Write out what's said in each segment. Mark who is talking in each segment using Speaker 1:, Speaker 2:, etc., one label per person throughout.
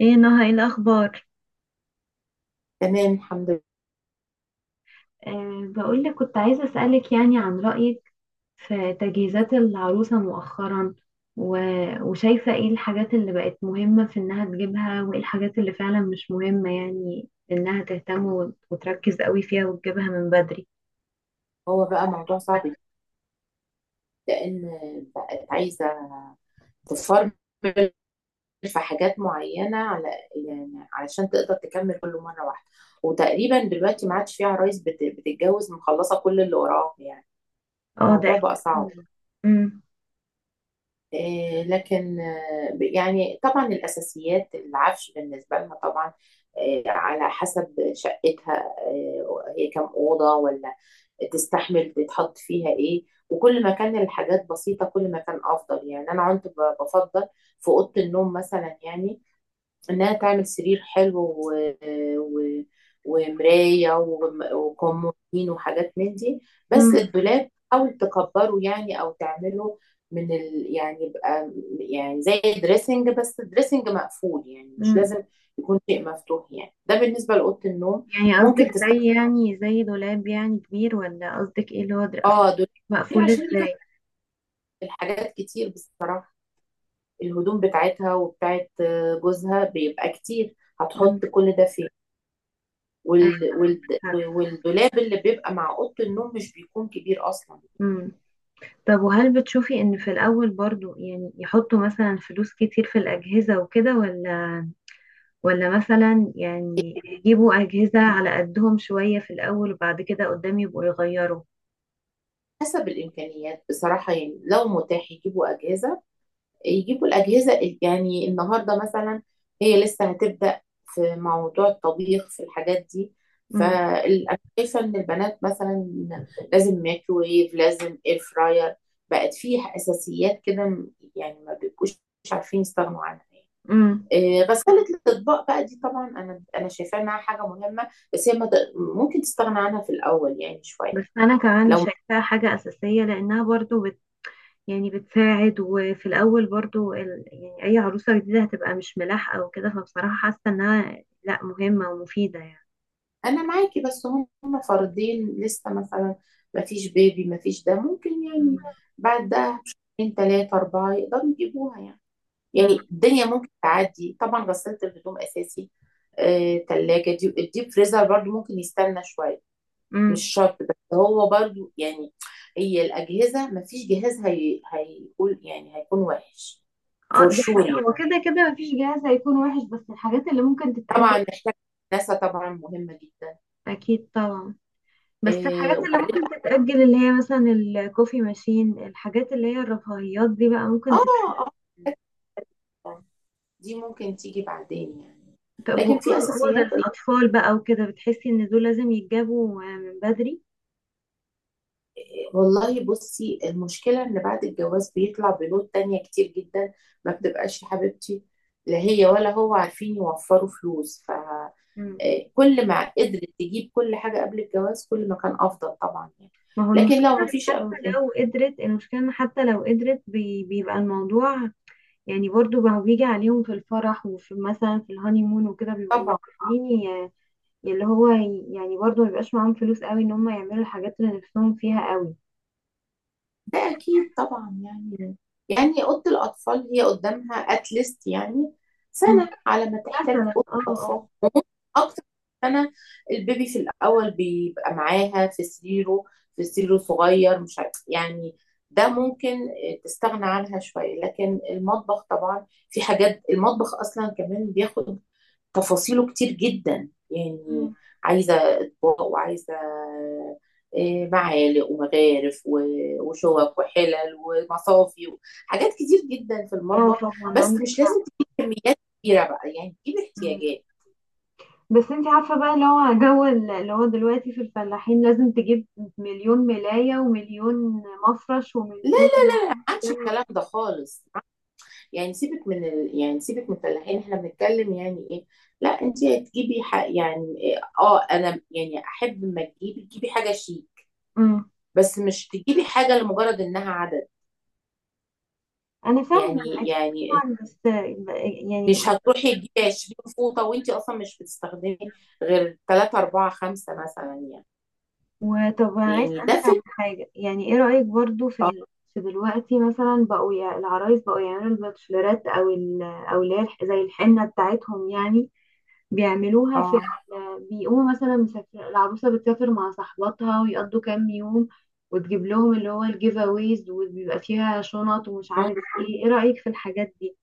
Speaker 1: ايه نهى، ايه الاخبار؟
Speaker 2: تمام، الحمد لله.
Speaker 1: بقول لك كنت عايزة أسألك يعني عن رأيك في تجهيزات العروسة مؤخرا. و... وشايفة ايه الحاجات اللي بقت مهمة في انها تجيبها، وايه الحاجات اللي فعلا مش مهمة، يعني انها تهتم وتركز قوي فيها وتجيبها من بدري.
Speaker 2: هو بقى موضوع صعب جدا، لان بقت عايزه تفرمل في حاجات معينه، على يعني علشان تقدر تكمل كل مره واحده. وتقريبا دلوقتي ما عادش في عرايس بتتجوز مخلصه كل اللي وراها يعني.
Speaker 1: اه، ده
Speaker 2: الموضوع بقى صعب.
Speaker 1: أكيد. مم.
Speaker 2: لكن يعني طبعا الأساسيات العفش بالنسبة لها طبعا. على حسب شقتها، هي كم أوضة ولا تستحمل تتحط فيها إيه. وكل ما كان الحاجات بسيطة كل ما كان أفضل يعني. أنا كنت بفضل في أوضة النوم مثلا يعني انها تعمل سرير حلو و... ومرايه وكمودين وحاجات من دي. بس
Speaker 1: مم.
Speaker 2: الدولاب حاول تكبره يعني او تعمله يعني يبقى يعني زي دريسنج، بس دريسنج مقفول، يعني مش
Speaker 1: مم.
Speaker 2: لازم يكون شيء مفتوح. يعني ده بالنسبه لاوضه النوم.
Speaker 1: يعني
Speaker 2: ممكن
Speaker 1: قصدك
Speaker 2: تستخدم
Speaker 1: زي، يعني زي دولاب يعني كبير، ولا قصدك ايه اصل؟
Speaker 2: اه دولاب كتير
Speaker 1: مقفول
Speaker 2: عشان يكفي
Speaker 1: ازاي؟
Speaker 2: الحاجات. كتير بصراحه الهدوم بتاعتها وبتاعت جوزها بيبقى كتير،
Speaker 1: امم
Speaker 2: هتحط كل ده فين؟
Speaker 1: ايوه،
Speaker 2: وال... وال...
Speaker 1: عندك حق.
Speaker 2: والدولاب اللي بيبقى مع اوضه النوم مش بيكون كبير اصلا يعني.
Speaker 1: مم. طب، وهل بتشوفي ان في الاول برضو يعني يحطوا مثلا فلوس كتير في الاجهزة وكده، ولا مثلا يعني يجيبوا اجهزة على قدهم شوية في الاول وبعد كده قدام يبقوا يغيروا؟
Speaker 2: حسب الامكانيات بصراحه، يعني لو متاح يجيبوا اجهزه يجيبوا الاجهزه يعني النهارده مثلا هي لسه هتبدا في موضوع الطبيخ في الحاجات دي.
Speaker 1: امم
Speaker 2: فانا شايفه ان البنات مثلا لازم ميكروويف، لازم اير فراير. بقت فيه اساسيات كده يعني ما بيبقوش عارفين يستغنوا عنها.
Speaker 1: امم
Speaker 2: غسالة الأطباق بقى دي طبعا أنا شايفاها إنها حاجة مهمة، بس هي ما تق- ممكن تستغنى عنها في الأول يعني شوية.
Speaker 1: بس انا كمان
Speaker 2: لو
Speaker 1: شايفاها حاجة اساسية لانها برضو يعني بتساعد. وفي الاول برضو يعني اي عروسة جديدة هتبقى مش ملاحقة وكده، فبصراحة حاسة انها لا، مهمة ومفيدة يعني.
Speaker 2: أنا معاكي، بس هم فردين لسه مثلا، ما فيش بيبي ما فيش ده، ممكن يعني
Speaker 1: امم
Speaker 2: بعد ده بشهرين تلاتة أربعة يقدروا يجيبوها يعني. يعني الدنيا ممكن تعدي. طبعا غسالة الهدوم أساسي. تلاجة دي الديب فريزر برضو ممكن يستنى شوية، مش
Speaker 1: امم
Speaker 2: شرط، بس هو برضو يعني هي الأجهزة مفيش جهاز هيقول يعني هيكون وحش. فور
Speaker 1: اه دي
Speaker 2: شور
Speaker 1: حقيقة،
Speaker 2: يعني.
Speaker 1: هو كده كده مفيش جهاز هيكون وحش، بس الحاجات اللي ممكن
Speaker 2: طبعا
Speaker 1: تتأجل.
Speaker 2: نحتاج ناسا، طبعا مهمة جدا.
Speaker 1: أكيد طبعا. بس
Speaker 2: إيه
Speaker 1: الحاجات اللي
Speaker 2: وبعدين
Speaker 1: ممكن تتأجل اللي هي مثلا الكوفي ماشين، الحاجات اللي هي الرفاهيات دي بقى ممكن تتأجل.
Speaker 2: اه، اه، دي ممكن تيجي بعدين يعني.
Speaker 1: طب
Speaker 2: لكن في
Speaker 1: هو ده
Speaker 2: اساسيات.
Speaker 1: الأطفال بقى وكده، بتحسي إن دول لازم يتجابوا من بدري؟
Speaker 2: والله بصي، المشكله ان بعد الجواز بيطلع بنود تانية كتير جدا. ما بتبقاش يا حبيبتي لا هي ولا هو عارفين يوفروا فلوس.
Speaker 1: مم.
Speaker 2: كل ما قدرت تجيب كل حاجة قبل الجواز كل ما كان أفضل طبعا يعني.
Speaker 1: ما هو
Speaker 2: لكن
Speaker 1: المشكلة
Speaker 2: لو ما
Speaker 1: إن
Speaker 2: فيش
Speaker 1: حتى لو قدرت، المشكلة إن حتى لو قدرت بيبقى الموضوع يعني برضو بقى بيجي عليهم في الفرح، وفي مثلا في الهانيمون وكده، بيبقوا
Speaker 2: طبعا
Speaker 1: عاملين يعني برضه مبيبقاش معاهم فلوس قوي ان هم يعملوا الحاجات اللي نفسهم فيها قوي.
Speaker 2: ده أكيد طبعا يعني. يعني أوضة الأطفال هي قدامها أتليست يعني
Speaker 1: مم.
Speaker 2: سنة على ما تحتاج
Speaker 1: مثلا،
Speaker 2: أوضة
Speaker 1: اه اه.
Speaker 2: أطفال. وممكن أكتر من سنة. البيبي في الأول بيبقى معاها في سريره، في سريره صغير، مش عارف يعني. ده ممكن تستغنى عنها شوية. لكن المطبخ طبعا في حاجات، المطبخ أصلا كمان بياخد تفاصيله كتير جدا يعني.
Speaker 1: مم.
Speaker 2: عايزة أطباق وعايزة معالق ومغارف وشوك وحلل ومصافي، حاجات كتير جدا في
Speaker 1: اه
Speaker 2: المطبخ.
Speaker 1: طبعا،
Speaker 2: بس
Speaker 1: عندك
Speaker 2: مش
Speaker 1: حق.
Speaker 2: لازم تجيب كميات كبيرة بقى، يعني تجيب
Speaker 1: مم.
Speaker 2: احتياجات.
Speaker 1: بس انت عارفة بقى اللي هو دلوقتي في الفلاحين لازم تجيب مليون ملاية، ومليون مفرش،
Speaker 2: لا
Speaker 1: ومليون.
Speaker 2: ما عادش الكلام ده خالص. يعني سيبك يعني سيبك من الفلاحين، احنا بنتكلم يعني ايه. لا، انت تجيبي يعني اه انا يعني احب لما تجيبي تجيبي حاجة شيك،
Speaker 1: مم.
Speaker 2: بس مش تجيبي حاجة لمجرد انها عدد.
Speaker 1: انا فاهمة
Speaker 2: يعني
Speaker 1: اكيد،
Speaker 2: يعني
Speaker 1: طبعا. بس يعني.
Speaker 2: مش هتروحي تجيبي 20 فوطة وانت اصلا مش بتستخدمي غير 3 4 5 مثلا يعني.
Speaker 1: وطب انا عايز
Speaker 2: يعني ده
Speaker 1: اسالك على
Speaker 2: فكرة.
Speaker 1: حاجه، يعني ايه رايك برضو
Speaker 2: اه،
Speaker 1: في دلوقتي مثلا بقوا العرايس بقوا يعملوا الباتشلرات او اللي زي الحنه بتاعتهم يعني، بيعملوها
Speaker 2: آه.
Speaker 1: بيقوموا مثلا، مسافر، العروسه بتسافر مع صاحباتها ويقضوا كام يوم، وتجيب لهم اللي هو الجيف اويز، وبيبقى فيها شنط ومش
Speaker 2: مم.
Speaker 1: عارف ايه. ايه رايك في الحاجات دي؟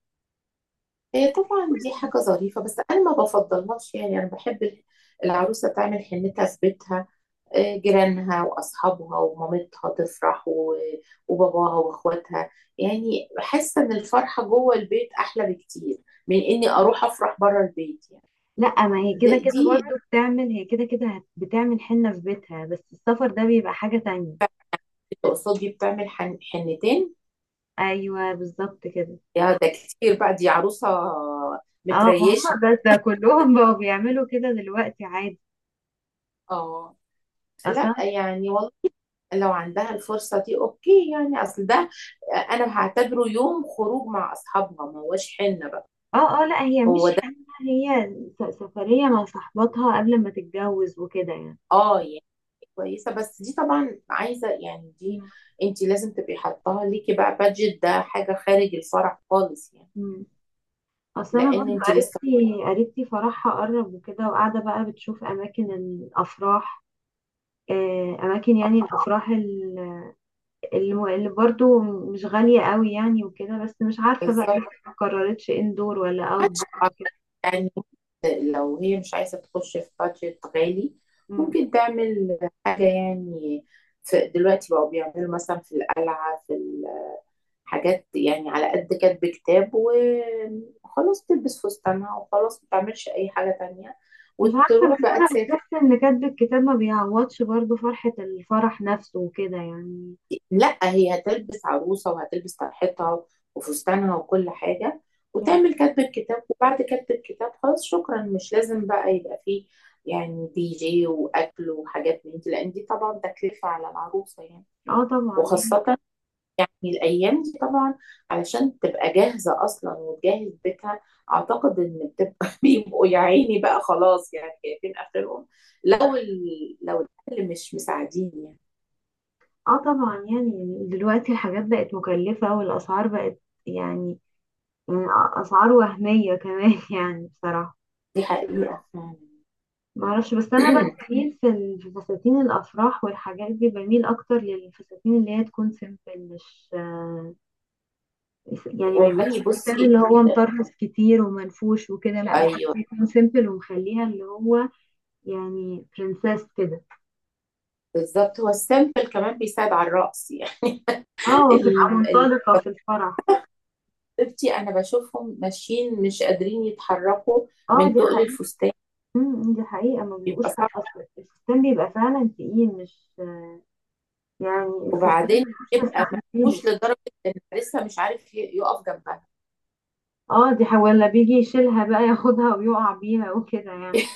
Speaker 2: هي طبعا دي حاجة ظريفة، بس انا ما بفضلهاش يعني. انا بحب العروسة تعمل حنتها في بيتها، جيرانها واصحابها ومامتها تفرح وباباها واخواتها. يعني حاسة ان الفرحة جوه البيت احلى بكتير من اني اروح افرح بره البيت يعني.
Speaker 1: لا، ما هي كده كده
Speaker 2: دي
Speaker 1: برضو بتعمل، هي كده كده بتعمل حنه في بيتها، بس السفر ده بيبقى حاجه تانية.
Speaker 2: تقصدي بتعمل حنتين؟
Speaker 1: ايوه بالظبط كده.
Speaker 2: يا ده كتير بقى، دي عروسة
Speaker 1: اه، ما
Speaker 2: متريشة.
Speaker 1: هم بس كلهم بقوا بيعملوا كده دلوقتي عادي،
Speaker 2: اه لا
Speaker 1: اصلا.
Speaker 2: يعني والله، لو عندها الفرصة دي اوكي يعني. اصل ده انا هعتبره يوم خروج مع اصحابها، ما هوش حنة بقى.
Speaker 1: اه اه، لا، هي
Speaker 2: هو
Speaker 1: مش
Speaker 2: ده.
Speaker 1: حاجة. هي سفرية مع صاحباتها قبل ما تتجوز وكده يعني.
Speaker 2: اه يعني كويسة. بس دي طبعا عايزة يعني دي،
Speaker 1: مم.
Speaker 2: انت لازم تبقي حطاها ليكي بقى بادجت، ده حاجة خارج الفرح خالص يعني.
Speaker 1: مم. اصل انا
Speaker 2: لان
Speaker 1: برضو
Speaker 2: انت لسه
Speaker 1: قريبتي فرحها قرب وكده، وقاعدة بقى بتشوف اماكن الافراح. اماكن يعني الافراح اللي برضو مش غالية قوي يعني وكده. بس مش عارفة بقى، لسه ما قررتش اندور ولا اوت دور
Speaker 2: ما يعني لو هي مش عايزة تخش في بادجت غالي،
Speaker 1: وكده.
Speaker 2: ممكن تعمل حاجة يعني. في دلوقتي بقوا بيعملوا مثلا في القلعة، في الحاجات، يعني على قد كاتب كتاب وخلاص، تلبس فستانها وخلاص، ما تعملش أي حاجة تانية،
Speaker 1: مش عارفة.
Speaker 2: وتروح
Speaker 1: بس
Speaker 2: بقى
Speaker 1: أنا
Speaker 2: تسافر.
Speaker 1: بحس إن كتب الكتاب ما بيعوضش برضو فرحة الفرح نفسه وكده يعني.
Speaker 2: لا هي هتلبس عروسة وهتلبس طرحتها وفستانها وكل حاجة،
Speaker 1: مم.
Speaker 2: وتعمل كتب الكتاب، وبعد كتب الكتاب خلاص شكرا، مش لازم بقى يبقى فيه يعني دي جي وأكل وحاجات من دي، لأن دي طبعا تكلفة على العروسة يعني.
Speaker 1: اه طبعا يعني.
Speaker 2: وخاصة الأيام دي طبعا، علشان تبقى جاهزة أصلا وتجهز بيتها، أعتقد إن بتبقى بيبقوا يا عيني بقى، خلاص يعني شايفين آخرهم،
Speaker 1: ده-
Speaker 2: لو الأهل مش مساعدين يعني.
Speaker 1: اه طبعا يعني دلوقتي الحاجات بقت مكلفة، والأسعار بقت يعني من أسعار وهمية كمان يعني بصراحة.
Speaker 2: دي حقيقة فعلا.
Speaker 1: معرفش. بس أنا بقى بميل في فساتين الأفراح والحاجات دي، بميل أكتر للفساتين اللي هي تكون سيمبل، مش يعني ما يبقاش
Speaker 2: والله
Speaker 1: فستان
Speaker 2: بصي.
Speaker 1: اللي هو مطرز كتير ومنفوش وكده، لأ بحس
Speaker 2: ايوه
Speaker 1: يكون سيمبل، ومخليها اللي هو يعني برنسيس كده.
Speaker 2: بالظبط، هو السامبل كمان بيساعد على الرقص يعني.
Speaker 1: اه، وتبقى
Speaker 2: ال- ال-
Speaker 1: منطلقة في الفرح.
Speaker 2: حبيبتي انا بشوفهم ماشيين مش قادرين يتحركوا
Speaker 1: اه
Speaker 2: من
Speaker 1: دي
Speaker 2: تقل
Speaker 1: حقيقة.
Speaker 2: الفستان،
Speaker 1: أمم، دي حقيقة. ما
Speaker 2: بيبقى
Speaker 1: بيبقوش
Speaker 2: صعب.
Speaker 1: حق، أصلا الفستان بيبقى فعلا تقيل، مش يعني الفستان
Speaker 2: وبعدين
Speaker 1: مش
Speaker 2: يبقى
Speaker 1: مستحملينه.
Speaker 2: مفهوش لدرجه ان لسه مش عارف يقف جنبها.
Speaker 1: اه دي حقيقة، ولا بيجي يشيلها بقى ياخدها ويقع بيها وكده يعني.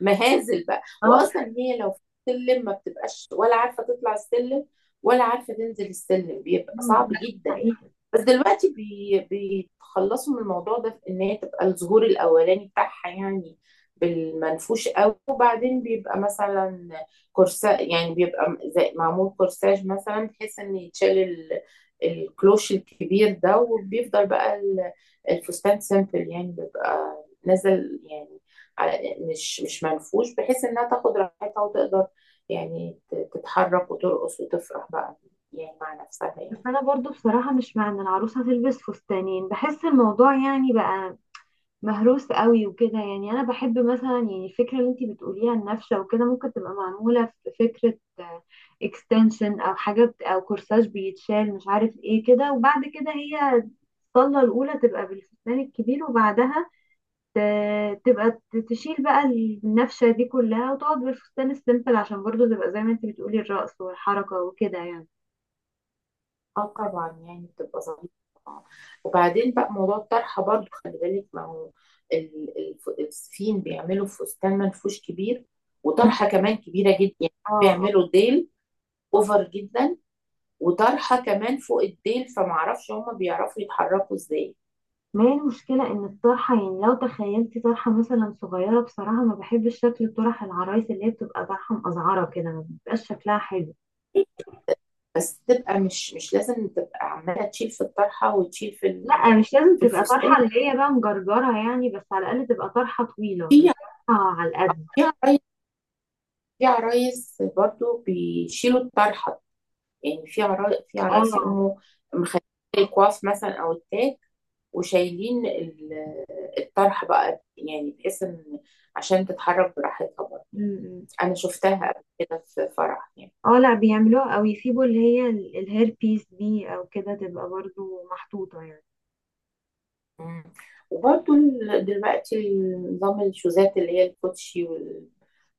Speaker 2: مهازل بقى.
Speaker 1: اه.
Speaker 2: واصلا هي لو في السلم ما بتبقاش ولا عارفه تطلع السلم ولا عارفه تنزل السلم، بيبقى
Speaker 1: أمم،
Speaker 2: صعب جدا.
Speaker 1: حقيقة.
Speaker 2: بس دلوقتي بيتخلصوا من الموضوع ده في ان هي تبقى الظهور الاولاني بتاعها يعني بالمنفوش قوي، وبعدين بيبقى مثلا كورسا يعني، بيبقى زي معمول كورساج مثلا، بحيث ان يتشال الكلوش الكبير ده، وبيفضل بقى الفستان سيمبل يعني، بيبقى نازل يعني، على مش منفوش، بحيث انها تاخد راحتها وتقدر يعني تتحرك وترقص وتفرح بقى يعني مع نفسها
Speaker 1: بس
Speaker 2: يعني.
Speaker 1: أنا برضو بصراحة مش مع إن العروسة تلبس فستانين، بحس الموضوع يعني بقى مهروس قوي وكده يعني. انا بحب مثلا يعني الفكره اللي انتي بتقوليها، النفشه وكده ممكن تبقى معموله في فكره اكستنشن، او او كورساج بيتشال مش عارف ايه كده، وبعد كده هي الصله الاولى تبقى بالفستان الكبير، وبعدها تبقى تشيل بقى النفشه دي كلها، وتقعد بالفستان السيمبل عشان برضو تبقى زي ما انتي بتقولي، الرقص والحركه وكده يعني.
Speaker 2: اه طبعا يعني بتبقى ظريفة طبعا. وبعدين بقى موضوع الطرحة برضو خلي بالك، ما هو الصين بيعملوا فستان منفوش كبير
Speaker 1: مم.
Speaker 2: وطرحة كمان كبيرة جدا يعني.
Speaker 1: اه،
Speaker 2: بيعملوا ديل اوفر جدا، وطرحة كمان فوق الديل، فمعرفش هما بيعرفوا يتحركوا ازاي.
Speaker 1: ما هي المشكلة إن الطرحة، يعني لو تخيلتي طرحة مثلا صغيرة، بصراحة ما بحبش شكل طرح العرايس اللي هي بتبقى طرحة مقزعرة كده، ما بيبقاش شكلها حلو.
Speaker 2: بس تبقى مش، مش لازم تبقى عمالة تشيل في الطرحة وتشيل
Speaker 1: لا مش لازم
Speaker 2: في
Speaker 1: تبقى
Speaker 2: الفستان.
Speaker 1: طرحة اللي هي بقى مجرجرة يعني، بس على الأقل تبقى طرحة طويلة،
Speaker 2: في
Speaker 1: مش طرحة على القد.
Speaker 2: في عرايس في عرايس برضو بيشيلوا الطرحة يعني. في في عرايس
Speaker 1: اه.
Speaker 2: يقوموا مخلين الكواف مثلا او التاج، وشايلين الطرحه بقى يعني، بحيث ان عشان تتحرك براحتها برضه.
Speaker 1: م-م.
Speaker 2: انا شفتها قبل كده في فرح يعني.
Speaker 1: اه لا، بيعملوها، أو يسيبوا اللي هي الهير بيس دي أو كده، تبقى برضو محطوطة يعني.
Speaker 2: مم. وبرضه دلوقتي نظام الشوزات اللي هي الكوتشي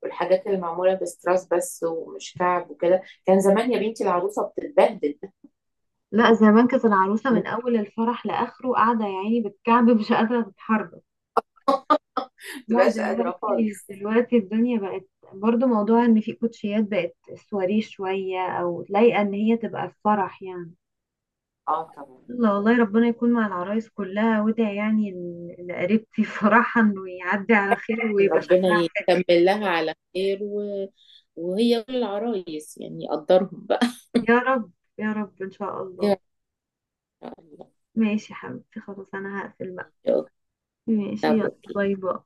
Speaker 2: والحاجات اللي معموله بستراس بس ومش كعب وكده. كان زمان يا بنتي العروسه بتتبهدل.
Speaker 1: لا زمان كانت العروسة
Speaker 2: ما
Speaker 1: من أول الفرح لآخره قاعدة يعني بالكعب مش قادرة تتحرك. لا
Speaker 2: بتبقاش قادره
Speaker 1: دلوقتي،
Speaker 2: خالص.
Speaker 1: الدنيا بقت برضو موضوع ان في كوتشيات بقت سواريه شوية، او لايقة ان هي تبقى في فرح يعني.
Speaker 2: اه طبعا.
Speaker 1: الله، والله ربنا يكون مع العرايس كلها، وادعي يعني لقريبتي فرحها انه يعدي على خير ويبقى
Speaker 2: ربنا
Speaker 1: شكلها حلو.
Speaker 2: يكمل لها على خير وهي كل العرايس يعني يقدرهم بقى.
Speaker 1: يا رب. يا رب ان شاء الله.
Speaker 2: يا
Speaker 1: ماشي يا حبيبتي، خلاص انا هقفل بقى.
Speaker 2: الله.
Speaker 1: ماشي،
Speaker 2: طب
Speaker 1: يلا
Speaker 2: اوكي.
Speaker 1: باي باي.